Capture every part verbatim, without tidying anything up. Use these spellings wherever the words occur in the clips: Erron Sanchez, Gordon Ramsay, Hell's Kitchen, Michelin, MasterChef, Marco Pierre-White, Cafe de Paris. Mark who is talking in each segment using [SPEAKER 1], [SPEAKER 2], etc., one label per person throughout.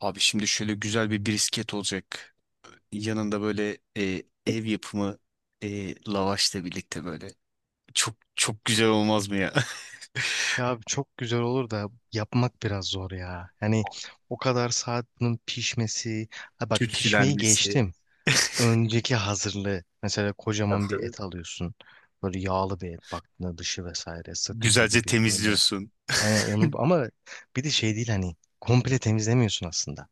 [SPEAKER 1] Abi şimdi şöyle güzel bir brisket olacak. Yanında böyle e, ev yapımı e, lavaşla birlikte böyle. Çok çok güzel olmaz mı ya?
[SPEAKER 2] Ya abi çok güzel olur da yapmak biraz zor ya. Yani o kadar saat bunun pişmesi. Ha bak pişmeyi
[SPEAKER 1] Tütsülenmesi.
[SPEAKER 2] geçtim. Önceki hazırlığı. Mesela
[SPEAKER 1] Tabii
[SPEAKER 2] kocaman bir
[SPEAKER 1] tabii.
[SPEAKER 2] et alıyorsun. Böyle yağlı bir et baktığında dışı vesaire sırt eti
[SPEAKER 1] Güzelce
[SPEAKER 2] gibi böyle.
[SPEAKER 1] temizliyorsun.
[SPEAKER 2] Hani onu ama bir de şey değil hani komple temizlemiyorsun aslında.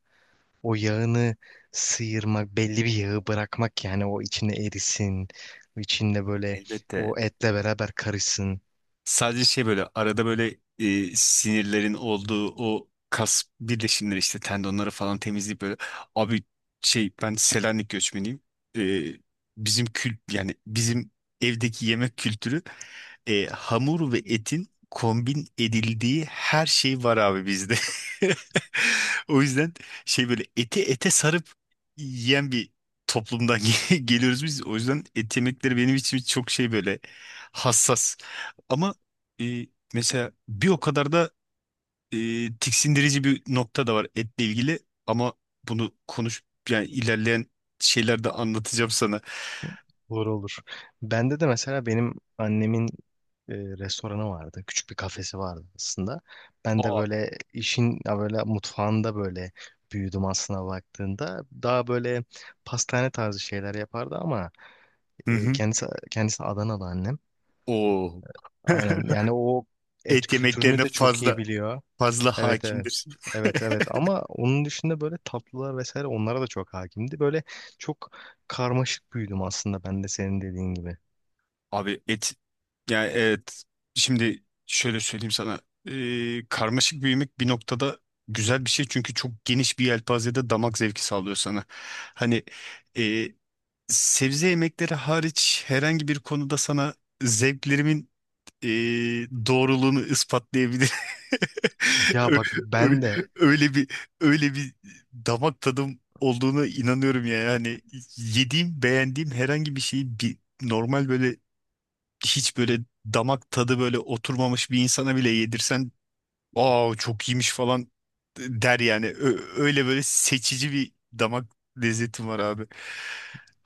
[SPEAKER 2] O yağını sıyırmak, belli bir yağı bırakmak yani o içinde erisin, içinde böyle
[SPEAKER 1] Elbette.
[SPEAKER 2] o etle beraber karışsın.
[SPEAKER 1] Sadece şey böyle arada böyle e, sinirlerin olduğu o kas birleşimleri işte tendonları falan temizleyip böyle. Abi şey ben Selanik göçmeniyim. E, bizim kült yani bizim evdeki yemek kültürü e, hamur ve etin kombin edildiği her şey var abi bizde. O yüzden şey böyle eti ete sarıp yiyen bir toplumdan ge- geliyoruz biz. O yüzden et yemekleri benim için çok şey böyle hassas. Ama e, mesela bir o kadar da e, tiksindirici bir nokta da var etle ilgili. Ama bunu konuş yani ilerleyen şeylerde anlatacağım sana.
[SPEAKER 2] Olur olur. Bende de mesela benim annemin e, restoranı vardı. Küçük bir kafesi vardı aslında. Ben de
[SPEAKER 1] Aa.
[SPEAKER 2] böyle işin ya böyle mutfağında böyle büyüdüm aslına baktığında. Daha böyle pastane tarzı şeyler yapardı ama
[SPEAKER 1] Hı
[SPEAKER 2] e,
[SPEAKER 1] hı.
[SPEAKER 2] kendisi kendisi Adanalı annem.
[SPEAKER 1] Oo.
[SPEAKER 2] Aynen. Yani o et
[SPEAKER 1] Et
[SPEAKER 2] kültürünü
[SPEAKER 1] yemeklerine
[SPEAKER 2] de çok iyi
[SPEAKER 1] fazla.
[SPEAKER 2] biliyor.
[SPEAKER 1] fazla
[SPEAKER 2] Evet evet.
[SPEAKER 1] hakimdir.
[SPEAKER 2] Evet evet ama onun dışında böyle tatlılar vesaire onlara da çok hakimdi. Böyle çok karmaşık büyüdüm aslında ben de senin dediğin gibi.
[SPEAKER 1] Abi et yani evet şimdi şöyle söyleyeyim sana. Ee, karmaşık büyümek bir noktada güzel bir şey çünkü çok geniş bir yelpazede damak zevki sağlıyor sana. Hani e, sebze yemekleri hariç herhangi bir konuda sana zevklerimin e, doğruluğunu ispatlayabilir.
[SPEAKER 2] Ya
[SPEAKER 1] Ö-
[SPEAKER 2] bak
[SPEAKER 1] ö-
[SPEAKER 2] ben de
[SPEAKER 1] Öyle bir öyle bir damak tadım olduğuna inanıyorum ya. Yani yediğim, beğendiğim herhangi bir şeyi bir normal böyle hiç böyle damak tadı böyle oturmamış bir insana bile yedirsen, "Aa çok iyiymiş" falan der yani. Ö- öyle böyle seçici bir damak lezzetim var abi.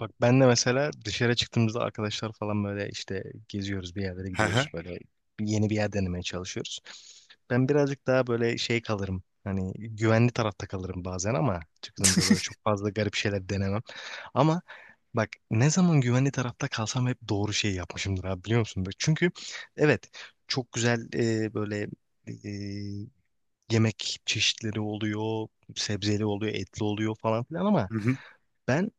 [SPEAKER 2] bak ben de mesela dışarı çıktığımızda arkadaşlar falan böyle işte geziyoruz bir yerlere
[SPEAKER 1] Hı
[SPEAKER 2] gidiyoruz
[SPEAKER 1] hı.
[SPEAKER 2] böyle yeni bir yer denemeye çalışıyoruz. Ben birazcık daha böyle şey kalırım. Hani güvenli tarafta kalırım bazen ama çıktığımızda böyle çok fazla garip şeyler denemem. Ama bak ne zaman güvenli tarafta kalsam hep doğru şeyi yapmışımdır abi biliyor musun? Bak çünkü evet çok güzel e, böyle e, yemek çeşitleri oluyor, sebzeli oluyor, etli oluyor falan filan ama
[SPEAKER 1] Hı hı.
[SPEAKER 2] ben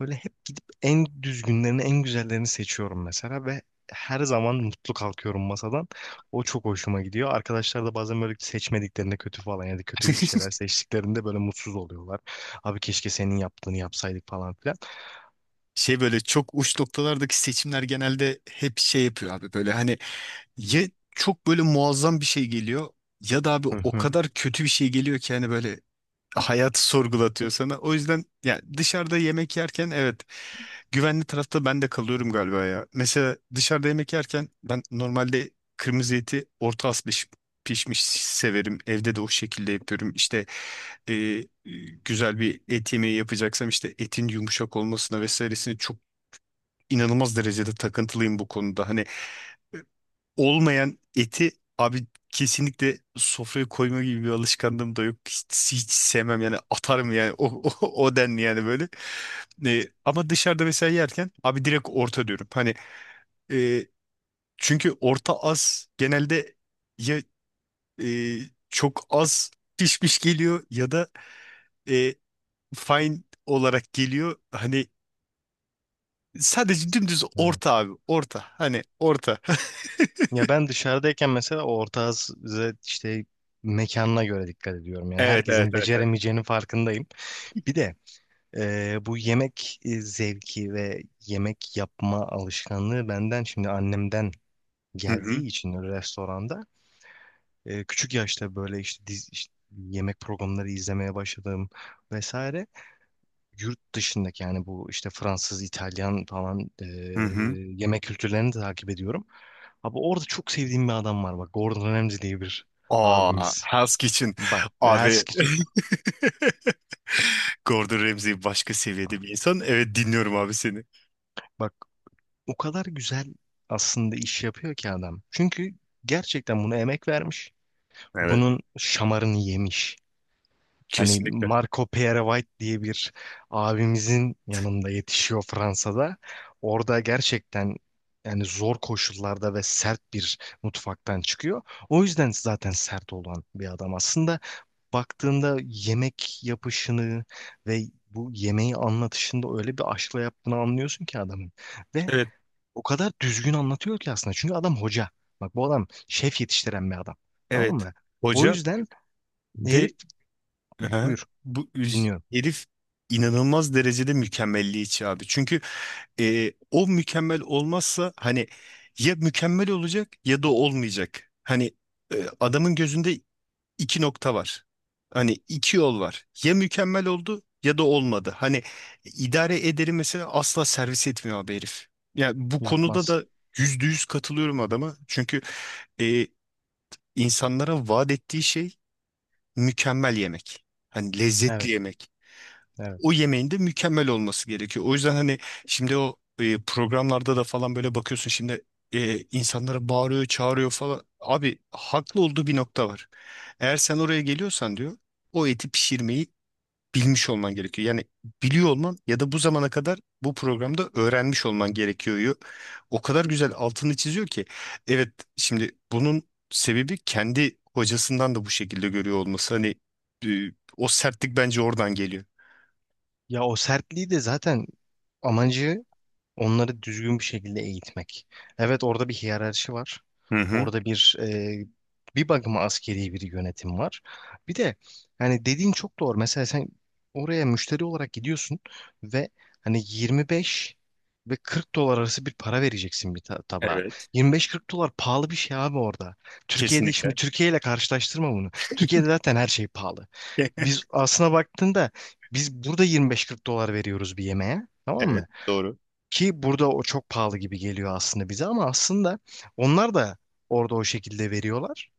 [SPEAKER 2] böyle hep gidip en düzgünlerini, en güzellerini seçiyorum mesela ve her zaman mutlu kalkıyorum masadan. O çok hoşuma gidiyor. Arkadaşlar da bazen böyle seçmediklerinde kötü falan ya da kötü şeyler seçtiklerinde böyle mutsuz oluyorlar. Abi keşke senin yaptığını yapsaydık falan filan.
[SPEAKER 1] Şey böyle çok uç noktalardaki seçimler genelde hep şey yapıyor abi böyle hani ya çok böyle muazzam bir şey geliyor ya da abi
[SPEAKER 2] Hı
[SPEAKER 1] o
[SPEAKER 2] hı.
[SPEAKER 1] kadar kötü bir şey geliyor ki hani böyle hayatı sorgulatıyor sana. O yüzden ya dışarıda yemek yerken evet güvenli tarafta ben de kalıyorum galiba ya. Mesela dışarıda yemek yerken ben normalde kırmızı eti orta az piş- pişmiş severim. Evde de o şekilde yapıyorum. İşte e, e, güzel bir et yemeği yapacaksam işte etin yumuşak olmasına vesairesine çok inanılmaz derecede takıntılıyım bu konuda. Hani e, olmayan eti abi kesinlikle sofraya koyma gibi bir alışkanlığım da yok. Hiç, hiç sevmem yani atarım yani o, o, o denli yani böyle. E, ama dışarıda mesela yerken abi direkt orta diyorum. Hani e, çünkü orta az genelde ya e, çok az pişmiş geliyor ya da e, fine olarak geliyor. Hani sadece dümdüz
[SPEAKER 2] Evet.
[SPEAKER 1] orta abi orta hani orta.
[SPEAKER 2] Ya ben dışarıdayken mesela ortağız işte mekanına göre dikkat ediyorum. Yani
[SPEAKER 1] Evet evet
[SPEAKER 2] herkesin
[SPEAKER 1] evet evet.
[SPEAKER 2] beceremeyeceğinin farkındayım. Bir de Ee, bu yemek e, zevki ve yemek yapma alışkanlığı benden şimdi annemden
[SPEAKER 1] Hı hı.
[SPEAKER 2] geldiği için restoranda e, küçük yaşta böyle işte, diz, işte yemek programları izlemeye başladım vesaire. Yurt dışındaki yani bu işte Fransız, İtalyan falan e,
[SPEAKER 1] Hı hı.
[SPEAKER 2] yemek kültürlerini de takip ediyorum. Abi orada çok sevdiğim bir adam var bak Gordon Ramsay diye bir
[SPEAKER 1] Aa,
[SPEAKER 2] abimiz.
[SPEAKER 1] Hell's Kitchen.
[SPEAKER 2] Bak, her,
[SPEAKER 1] Abi. Gordon Ramsay başka seviyede bir insan. Evet dinliyorum abi seni.
[SPEAKER 2] bak o kadar güzel aslında iş yapıyor ki adam. Çünkü gerçekten buna emek vermiş.
[SPEAKER 1] Evet.
[SPEAKER 2] Bunun şamarını yemiş. Hani
[SPEAKER 1] Kesinlikle.
[SPEAKER 2] Marco Pierre-White diye bir abimizin yanında yetişiyor Fransa'da. Orada gerçekten yani zor koşullarda ve sert bir mutfaktan çıkıyor. O yüzden zaten sert olan bir adam. Aslında baktığında yemek yapışını ve bu yemeği anlatışında öyle bir aşkla yaptığını anlıyorsun ki adamın. Ve
[SPEAKER 1] Evet.
[SPEAKER 2] o kadar düzgün anlatıyor ki aslında. Çünkü adam hoca. Bak bu adam şef yetiştiren bir adam. Tamam
[SPEAKER 1] Evet.
[SPEAKER 2] mı? O
[SPEAKER 1] Hoca
[SPEAKER 2] yüzden herif
[SPEAKER 1] ve Aha.
[SPEAKER 2] buyur
[SPEAKER 1] Bu üz-
[SPEAKER 2] dinliyorum.
[SPEAKER 1] herif inanılmaz derecede mükemmelliyetçi abi. Çünkü e, o mükemmel olmazsa hani ya mükemmel olacak ya da olmayacak. Hani e, adamın gözünde iki nokta var. Hani iki yol var. Ya mükemmel oldu ya da olmadı. Hani idare ederi mesela asla servis etmiyor abi herif. Yani bu konuda
[SPEAKER 2] Yapmaz.
[SPEAKER 1] da yüzde yüz katılıyorum adama. Çünkü e, insanlara vaat ettiği şey mükemmel yemek. Hani lezzetli
[SPEAKER 2] Evet,
[SPEAKER 1] yemek
[SPEAKER 2] evet.
[SPEAKER 1] o yemeğin de mükemmel olması gerekiyor. O yüzden hani şimdi o e, programlarda da falan böyle bakıyorsun şimdi e, insanlara bağırıyor, çağırıyor falan. Abi haklı olduğu bir nokta var. Eğer sen oraya geliyorsan diyor o eti pişirmeyi bilmiş olman gerekiyor. Yani biliyor olman ya da bu zamana kadar bu programda öğrenmiş olman gerekiyor, diyor. O kadar güzel altını çiziyor ki. Evet şimdi bunun sebebi kendi hocasından da bu şekilde görüyor olması. Hani e, o sertlik bence oradan geliyor.
[SPEAKER 2] Ya o sertliği de zaten amacı onları düzgün bir şekilde eğitmek. Evet orada bir hiyerarşi var.
[SPEAKER 1] Hı hı.
[SPEAKER 2] Orada bir e, bir bakıma askeri bir yönetim var. Bir de hani dediğin çok doğru. Mesela sen oraya müşteri olarak gidiyorsun ve hani yirmi beş ve kırk dolar arası bir para vereceksin bir ta- tabağa.
[SPEAKER 1] Evet.
[SPEAKER 2] yirmi beş kırk dolar pahalı bir şey abi orada. Türkiye'de
[SPEAKER 1] Kesinlikle.
[SPEAKER 2] şimdi Türkiye ile karşılaştırma bunu. Türkiye'de zaten her şey pahalı. Biz aslına baktığında biz burada yirmi beş kırk dolar veriyoruz bir yemeğe. Tamam
[SPEAKER 1] Evet.
[SPEAKER 2] mı?
[SPEAKER 1] Doğru.
[SPEAKER 2] Ki burada o çok pahalı gibi geliyor aslında bize ama aslında onlar da orada o şekilde veriyorlar.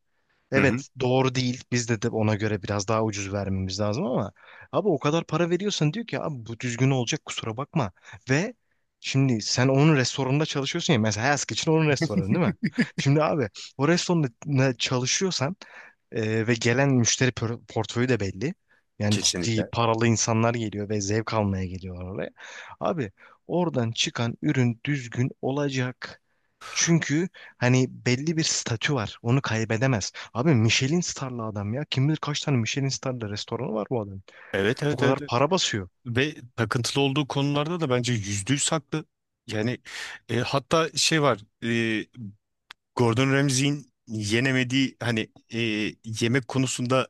[SPEAKER 1] Hı hı.
[SPEAKER 2] Evet doğru değil. Biz de, de ona göre biraz daha ucuz vermemiz lazım ama abi o kadar para veriyorsan diyor ki abi bu düzgün olacak kusura bakma. Ve şimdi sen onun restoranında çalışıyorsun ya mesela Hask için onun restoranı değil mi? Şimdi abi o restoranda çalışıyorsan e, ve gelen müşteri por- portföyü de belli. Yani ciddi
[SPEAKER 1] Kesinlikle.
[SPEAKER 2] paralı insanlar geliyor ve zevk almaya geliyorlar oraya. Abi oradan çıkan ürün düzgün olacak. Çünkü hani belli bir statü var. Onu kaybedemez. Abi Michelin starlı adam ya. Kim bilir kaç tane Michelin starlı restoranı var bu adam.
[SPEAKER 1] Evet,
[SPEAKER 2] Bu
[SPEAKER 1] evet,
[SPEAKER 2] kadar
[SPEAKER 1] evet, evet.
[SPEAKER 2] para basıyor.
[SPEAKER 1] Ve takıntılı olduğu konularda da bence yüzde yüz haklı. Yani e, hatta şey var. e, Gordon Ramsay'in yenemediği hani e, yemek konusunda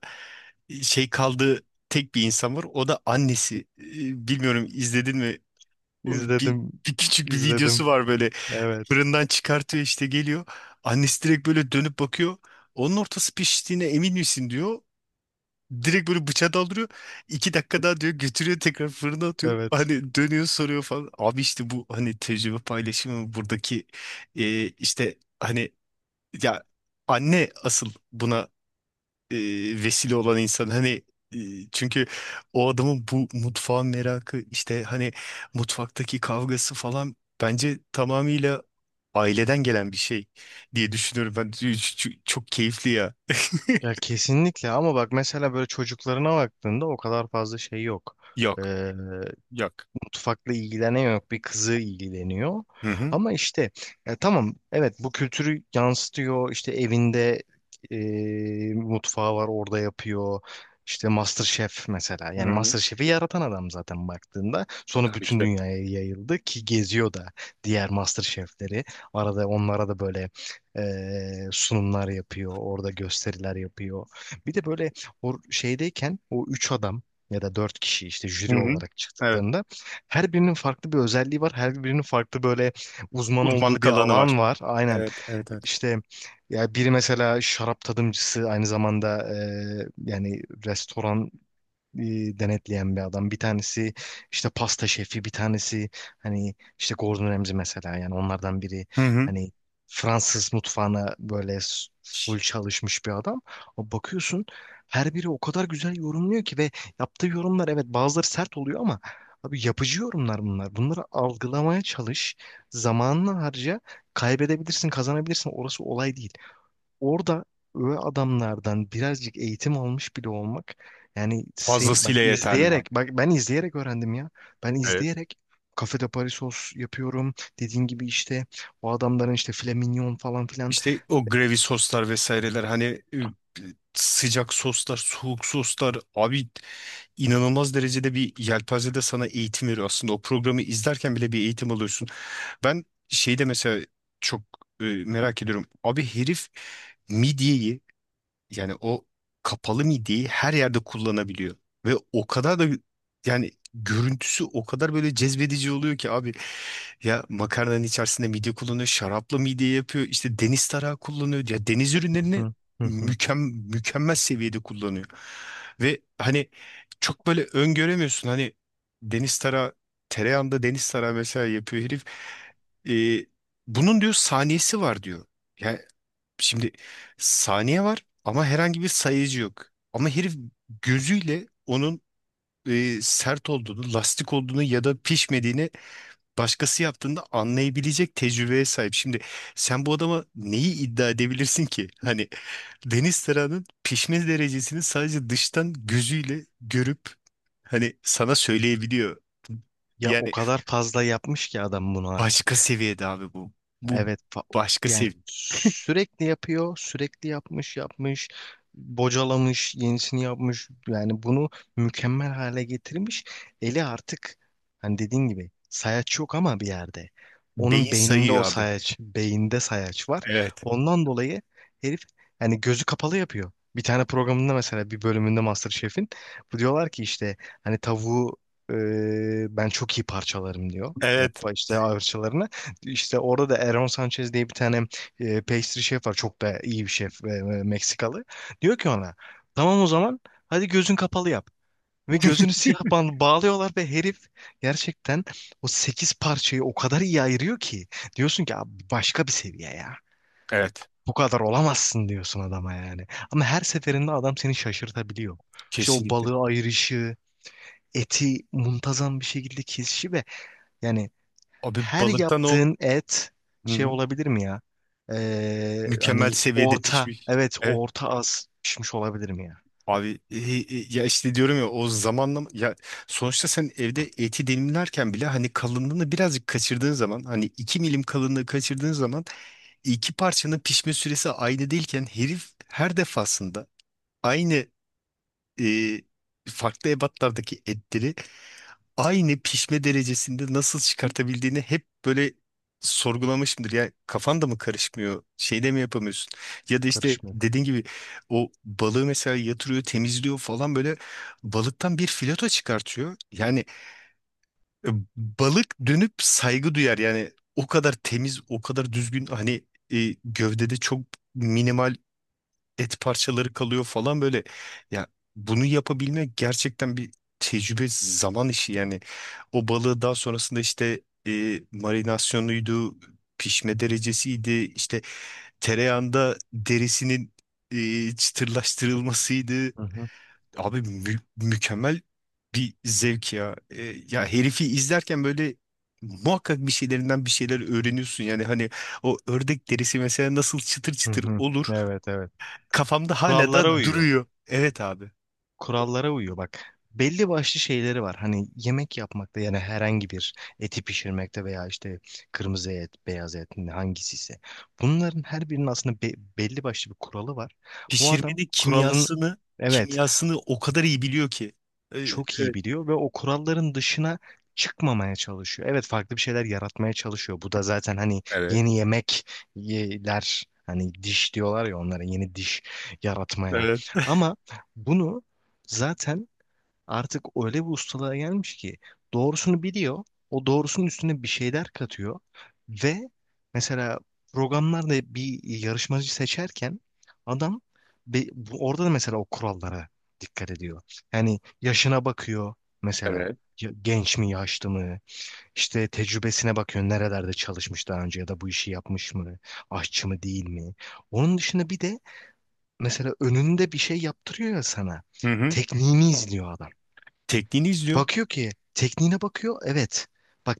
[SPEAKER 1] e, şey kaldığı tek bir insan var. O da annesi. E, bilmiyorum izledin mi? O bir,
[SPEAKER 2] İzledim,
[SPEAKER 1] bir küçük bir videosu
[SPEAKER 2] izledim.
[SPEAKER 1] var böyle.
[SPEAKER 2] Evet,
[SPEAKER 1] Fırından çıkartıyor işte geliyor. Annesi direkt böyle dönüp bakıyor. Onun ortası piştiğine emin misin diyor. Direkt böyle bıçağı daldırıyor. İki dakika daha diyor götürüyor tekrar fırına atıyor.
[SPEAKER 2] evet.
[SPEAKER 1] Hani dönüyor soruyor falan. Abi işte bu hani tecrübe paylaşımı buradaki e, işte hani ya anne asıl buna e, vesile olan insan hani e, çünkü o adamın bu mutfağın merakı işte hani mutfaktaki kavgası falan bence tamamıyla aileden gelen bir şey diye düşünüyorum ben Ç- ç- çok keyifli ya.
[SPEAKER 2] Ya kesinlikle ama bak mesela böyle çocuklarına baktığında o kadar fazla şey yok.
[SPEAKER 1] Yok
[SPEAKER 2] Ee,
[SPEAKER 1] yok,
[SPEAKER 2] mutfakla ilgilenen yok bir kızı ilgileniyor.
[SPEAKER 1] hı hı,
[SPEAKER 2] Ama işte ya tamam evet bu kültürü yansıtıyor işte evinde e, mutfağı var orada yapıyor. İşte MasterChef mesela.
[SPEAKER 1] hı
[SPEAKER 2] Yani
[SPEAKER 1] hı.
[SPEAKER 2] MasterChef'i yaratan adam zaten baktığında. Sonra
[SPEAKER 1] Tabii ki
[SPEAKER 2] bütün
[SPEAKER 1] de
[SPEAKER 2] dünyaya yayıldı ki geziyor da diğer MasterChef'leri. Arada onlara da böyle e, sunumlar yapıyor. Orada gösteriler yapıyor. Bir de böyle o şeydeyken o üç adam ya da dört kişi işte
[SPEAKER 1] hı
[SPEAKER 2] jüri
[SPEAKER 1] hı.
[SPEAKER 2] olarak
[SPEAKER 1] Evet
[SPEAKER 2] çıktıklarında her birinin farklı bir özelliği var. Her birinin farklı böyle uzman olduğu
[SPEAKER 1] uzmanlık
[SPEAKER 2] bir
[SPEAKER 1] alanı var,
[SPEAKER 2] alan var. Aynen.
[SPEAKER 1] evet evet evet,
[SPEAKER 2] İşte ya biri mesela şarap tadımcısı aynı zamanda e, yani restoran e, denetleyen bir adam. Bir tanesi işte pasta şefi, bir tanesi hani işte Gordon Ramsay mesela yani onlardan biri
[SPEAKER 1] hı hı.
[SPEAKER 2] hani Fransız mutfağına böyle s- full çalışmış bir adam. O bakıyorsun her biri o kadar güzel yorumluyor ki ve yaptığı yorumlar evet bazıları sert oluyor ama abi yapıcı yorumlar bunlar. Bunları algılamaya çalış, zamanını harca, kaybedebilirsin, kazanabilirsin. Orası olay değil, orada öyle adamlardan birazcık eğitim almış bile olmak yani sen bak
[SPEAKER 1] Fazlasıyla yeterli
[SPEAKER 2] izleyerek,
[SPEAKER 1] abi,
[SPEAKER 2] bak ben izleyerek öğrendim ya. Ben
[SPEAKER 1] evet.
[SPEAKER 2] izleyerek Cafe de Paris sos yapıyorum. Dediğin gibi işte o adamların işte filet mignon falan filan.
[SPEAKER 1] İşte o gravy soslar vesaireler hani e, sıcak soslar, soğuk soslar abi inanılmaz derecede bir yelpazede sana eğitim veriyor. Aslında o programı izlerken bile bir eğitim alıyorsun. Ben şeyde mesela çok e, merak ediyorum. Abi herif midyeyi yani o kapalı midiyi her yerde kullanabiliyor. Ve o kadar da yani görüntüsü o kadar böyle cezbedici oluyor ki abi. Ya makarnanın içerisinde midye kullanıyor, şarapla midye yapıyor, işte deniz tarağı kullanıyor. Ya deniz
[SPEAKER 2] Hı
[SPEAKER 1] ürünlerini
[SPEAKER 2] hı, hı hı.
[SPEAKER 1] mükem mükemmel seviyede kullanıyor. Ve hani çok böyle öngöremiyorsun. Hani deniz tarağı, tereyağında deniz tarağı mesela yapıyor herif. Ee, bunun diyor saniyesi var diyor. Şimdi saniye var ama herhangi bir sayıcı yok. Ama herif gözüyle onun e, sert olduğunu, lastik olduğunu ya da pişmediğini başkası yaptığında anlayabilecek tecrübeye sahip. Şimdi sen bu adama neyi iddia edebilirsin ki? Hani deniz tarağının pişme derecesini sadece dıştan gözüyle görüp hani sana söyleyebiliyor.
[SPEAKER 2] Ya o
[SPEAKER 1] Yani
[SPEAKER 2] kadar fazla yapmış ki adam bunu
[SPEAKER 1] başka
[SPEAKER 2] artık.
[SPEAKER 1] seviyede abi bu. Bu
[SPEAKER 2] Evet fa-
[SPEAKER 1] başka
[SPEAKER 2] yani
[SPEAKER 1] seviye.
[SPEAKER 2] sürekli yapıyor, sürekli yapmış, yapmış, bocalamış, yenisini yapmış. Yani bunu mükemmel hale getirmiş. Eli artık hani dediğin gibi sayaç yok ama bir yerde. Onun
[SPEAKER 1] Beyin
[SPEAKER 2] beyninde
[SPEAKER 1] sayıyor
[SPEAKER 2] o
[SPEAKER 1] abi.
[SPEAKER 2] sayaç, beyinde sayaç var.
[SPEAKER 1] Evet.
[SPEAKER 2] Ondan dolayı herif yani gözü kapalı yapıyor. Bir tane programında mesela bir bölümünde MasterChef'in bu diyorlar ki işte hani tavuğu e, ben çok iyi parçalarım diyor. Yap
[SPEAKER 1] Evet.
[SPEAKER 2] işte parçalarını. İşte orada da Erron Sanchez diye bir tane e, pastry şef var. Çok da iyi bir şef e, e, Meksikalı. Diyor ki ona tamam o zaman hadi gözün kapalı yap. Ve gözünü siyah bant bağlıyorlar ve herif gerçekten o sekiz parçayı o kadar iyi ayırıyor ki. Diyorsun ki abi başka bir seviye ya.
[SPEAKER 1] Evet.
[SPEAKER 2] Bu kadar olamazsın diyorsun adama yani. Ama her seferinde adam seni şaşırtabiliyor. İşte o
[SPEAKER 1] Kesinlikle.
[SPEAKER 2] balığı ayırışı, eti muntazam bir şekilde kesişi ve yani
[SPEAKER 1] Abi
[SPEAKER 2] her
[SPEAKER 1] balıktan o.
[SPEAKER 2] yaptığın et
[SPEAKER 1] Hı
[SPEAKER 2] şey
[SPEAKER 1] hı.
[SPEAKER 2] olabilir mi ya? Ee,
[SPEAKER 1] Mükemmel
[SPEAKER 2] hani
[SPEAKER 1] seviyede
[SPEAKER 2] orta,
[SPEAKER 1] pişmiş.
[SPEAKER 2] evet
[SPEAKER 1] Evet.
[SPEAKER 2] orta az pişmiş olabilir mi ya?
[SPEAKER 1] Abi e, e, ya işte diyorum ya o zamanla ya sonuçta sen evde eti dilimlerken bile hani kalınlığını birazcık kaçırdığın zaman hani iki milim kalınlığı kaçırdığın zaman iki parçanın pişme süresi aynı değilken herif her defasında aynı e, farklı ebatlardaki etleri aynı pişme derecesinde nasıl çıkartabildiğini hep böyle sorgulamışımdır. Ya kafan da mı karışmıyor? Şeyde mi yapamıyorsun? Ya da işte
[SPEAKER 2] Karışmıyor.
[SPEAKER 1] dediğin gibi o balığı mesela yatırıyor, temizliyor falan böyle balıktan bir fileto çıkartıyor. Yani e, balık dönüp saygı duyar. Yani o kadar temiz, o kadar düzgün hani e, gövdede çok minimal et parçaları kalıyor falan böyle. Ya bunu yapabilmek gerçekten bir tecrübe, zaman işi yani. O balığı daha sonrasında işte e, marinasyonuydu, pişme derecesiydi, işte tereyağında derisinin e, çıtırlaştırılmasıydı.
[SPEAKER 2] Hı hı.
[SPEAKER 1] Abi mü- mükemmel bir zevk ya. E, ya herifi izlerken böyle muhakkak bir şeylerinden bir şeyler öğreniyorsun. Yani hani o ördek derisi mesela nasıl çıtır
[SPEAKER 2] Hı
[SPEAKER 1] çıtır
[SPEAKER 2] hı.
[SPEAKER 1] olur
[SPEAKER 2] Evet evet.
[SPEAKER 1] kafamda hala
[SPEAKER 2] Kurallara
[SPEAKER 1] da
[SPEAKER 2] uyuyor,
[SPEAKER 1] duruyor. Evet abi.
[SPEAKER 2] kurallara uyuyor bak. Belli başlı şeyleri var. Hani yemek yapmakta yani herhangi bir eti pişirmekte veya işte kırmızı et, beyaz et hangisi ise. Bunların her birinin aslında be- belli başlı bir kuralı var. Bu adam
[SPEAKER 1] Pişirmenin
[SPEAKER 2] kuralın
[SPEAKER 1] kimyasını
[SPEAKER 2] evet
[SPEAKER 1] kimyasını o kadar iyi biliyor ki. E,
[SPEAKER 2] çok iyi biliyor ve o kuralların dışına çıkmamaya çalışıyor. Evet farklı bir şeyler yaratmaya çalışıyor. Bu da zaten hani
[SPEAKER 1] Evet.
[SPEAKER 2] yeni yemekler hani diş diyorlar ya onlara yeni diş yaratmaya.
[SPEAKER 1] Evet.
[SPEAKER 2] Ama bunu zaten artık öyle bir ustalığa gelmiş ki doğrusunu biliyor. O doğrusunun üstüne bir şeyler katıyor. Ve mesela programlarda bir yarışmacı seçerken adam be- bu- orada da mesela o kurallara dikkat ediyor. Yani yaşına bakıyor mesela Ya- genç mi yaşlı mı? İşte tecrübesine bakıyor nerelerde çalışmış daha önce ya da bu işi yapmış mı, aşçı mı değil mi. Onun dışında bir de mesela önünde bir şey yaptırıyor ya sana,
[SPEAKER 1] Hı hı.
[SPEAKER 2] tekniğini izliyor adam.
[SPEAKER 1] Tekniğini izliyor.
[SPEAKER 2] Bakıyor ki tekniğine bakıyor. Evet. Bak,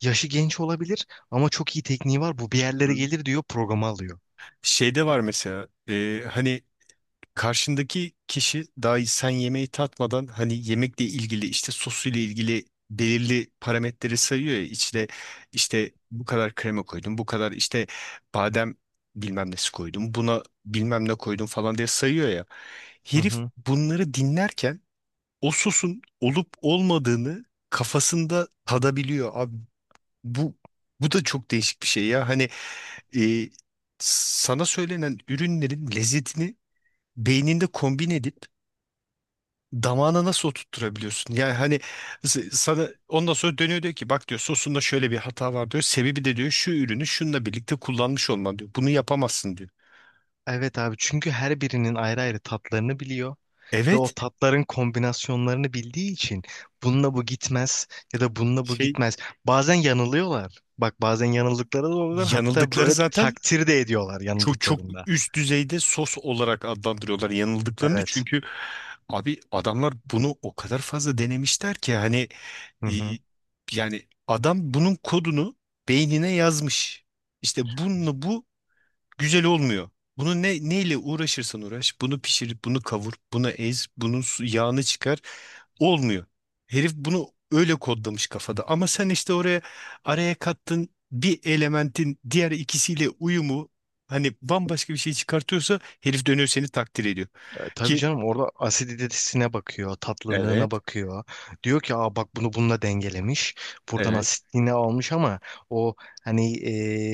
[SPEAKER 2] yaşı genç olabilir ama çok iyi tekniği var. Bu bir yerlere
[SPEAKER 1] Hı.
[SPEAKER 2] gelir diyor, programı alıyor.
[SPEAKER 1] Şeyde var mesela e, hani karşındaki kişi dahi sen yemeği tatmadan hani yemekle ilgili işte sosuyla ilgili belirli parametreleri sayıyor ya içine işte bu kadar krema koydum bu kadar işte badem bilmem nesi koydum buna bilmem ne koydum falan diye sayıyor ya
[SPEAKER 2] Hı
[SPEAKER 1] herif
[SPEAKER 2] hı.
[SPEAKER 1] bunları dinlerken o sosun olup olmadığını kafasında tadabiliyor abi. Bu bu da çok değişik bir şey ya. Hani e, sana söylenen ürünlerin lezzetini beyninde kombin edip damağına nasıl oturtturabiliyorsun? Yani hani s- sana ondan sonra dönüyor diyor ki bak diyor sosunda şöyle bir hata var diyor. Sebebi de diyor şu ürünü şununla birlikte kullanmış olman diyor. Bunu yapamazsın diyor.
[SPEAKER 2] Evet abi çünkü her birinin ayrı ayrı tatlarını biliyor ve o
[SPEAKER 1] Evet
[SPEAKER 2] tatların kombinasyonlarını bildiği için bununla bu gitmez ya da bununla bu
[SPEAKER 1] şey
[SPEAKER 2] gitmez. Bazen yanılıyorlar. Bak bazen yanıldıkları da oluyor, hatta
[SPEAKER 1] yanıldıkları
[SPEAKER 2] böyle
[SPEAKER 1] zaten
[SPEAKER 2] takdir de ediyorlar
[SPEAKER 1] çok çok
[SPEAKER 2] yanıldıklarında.
[SPEAKER 1] üst düzeyde sos olarak adlandırıyorlar yanıldıklarını
[SPEAKER 2] Evet.
[SPEAKER 1] çünkü abi adamlar bunu o kadar fazla denemişler ki hani
[SPEAKER 2] Hı
[SPEAKER 1] e,
[SPEAKER 2] hı.
[SPEAKER 1] yani adam bunun kodunu beynine yazmış. İşte bunu bu güzel olmuyor. Bunu ne neyle uğraşırsan uğraş, bunu pişir, bunu kavur, bunu ez, bunun su- yağını çıkar. Olmuyor. Herif bunu öyle kodlamış kafada. Ama sen işte oraya araya kattın bir elementin diğer ikisiyle uyumu hani bambaşka bir şey çıkartıyorsa herif dönüyor seni takdir ediyor.
[SPEAKER 2] E, tabii
[SPEAKER 1] Ki
[SPEAKER 2] canım orada asiditesine bakıyor, tatlılığına
[SPEAKER 1] evet,
[SPEAKER 2] bakıyor. Diyor ki aa bak bunu bununla dengelemiş. Buradan
[SPEAKER 1] evet.
[SPEAKER 2] asitliğini almış ama o hani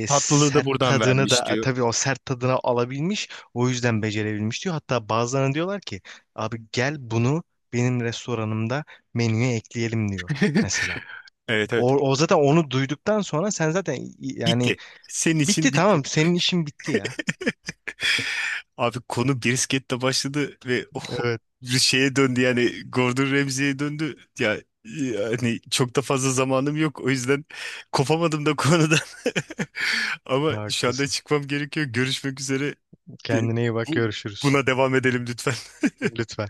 [SPEAKER 2] e,
[SPEAKER 1] Tatlılığı da
[SPEAKER 2] sert
[SPEAKER 1] buradan
[SPEAKER 2] tadını
[SPEAKER 1] vermiş
[SPEAKER 2] da e,
[SPEAKER 1] diyor.
[SPEAKER 2] tabii o sert tadını alabilmiş. O yüzden becerebilmiş diyor. Hatta bazılarına diyorlar ki abi gel bunu benim restoranımda menüye ekleyelim diyor mesela.
[SPEAKER 1] Evet
[SPEAKER 2] O,
[SPEAKER 1] evet.
[SPEAKER 2] o zaten onu duyduktan sonra sen zaten yani
[SPEAKER 1] Bitti. Senin için
[SPEAKER 2] bitti
[SPEAKER 1] bitti.
[SPEAKER 2] tamam senin işin bitti ya.
[SPEAKER 1] Abi konu brisketle başladı ve ho-
[SPEAKER 2] Evet,
[SPEAKER 1] bir şeye döndü yani Gordon Ramsay'e döndü. Ya yani çok da fazla zamanım yok o yüzden kopamadım da konudan. Ama şu anda
[SPEAKER 2] haklısın.
[SPEAKER 1] çıkmam gerekiyor. Görüşmek üzere. De-
[SPEAKER 2] Kendine iyi bak,
[SPEAKER 1] bu-
[SPEAKER 2] görüşürüz.
[SPEAKER 1] Buna devam edelim lütfen.
[SPEAKER 2] Lütfen.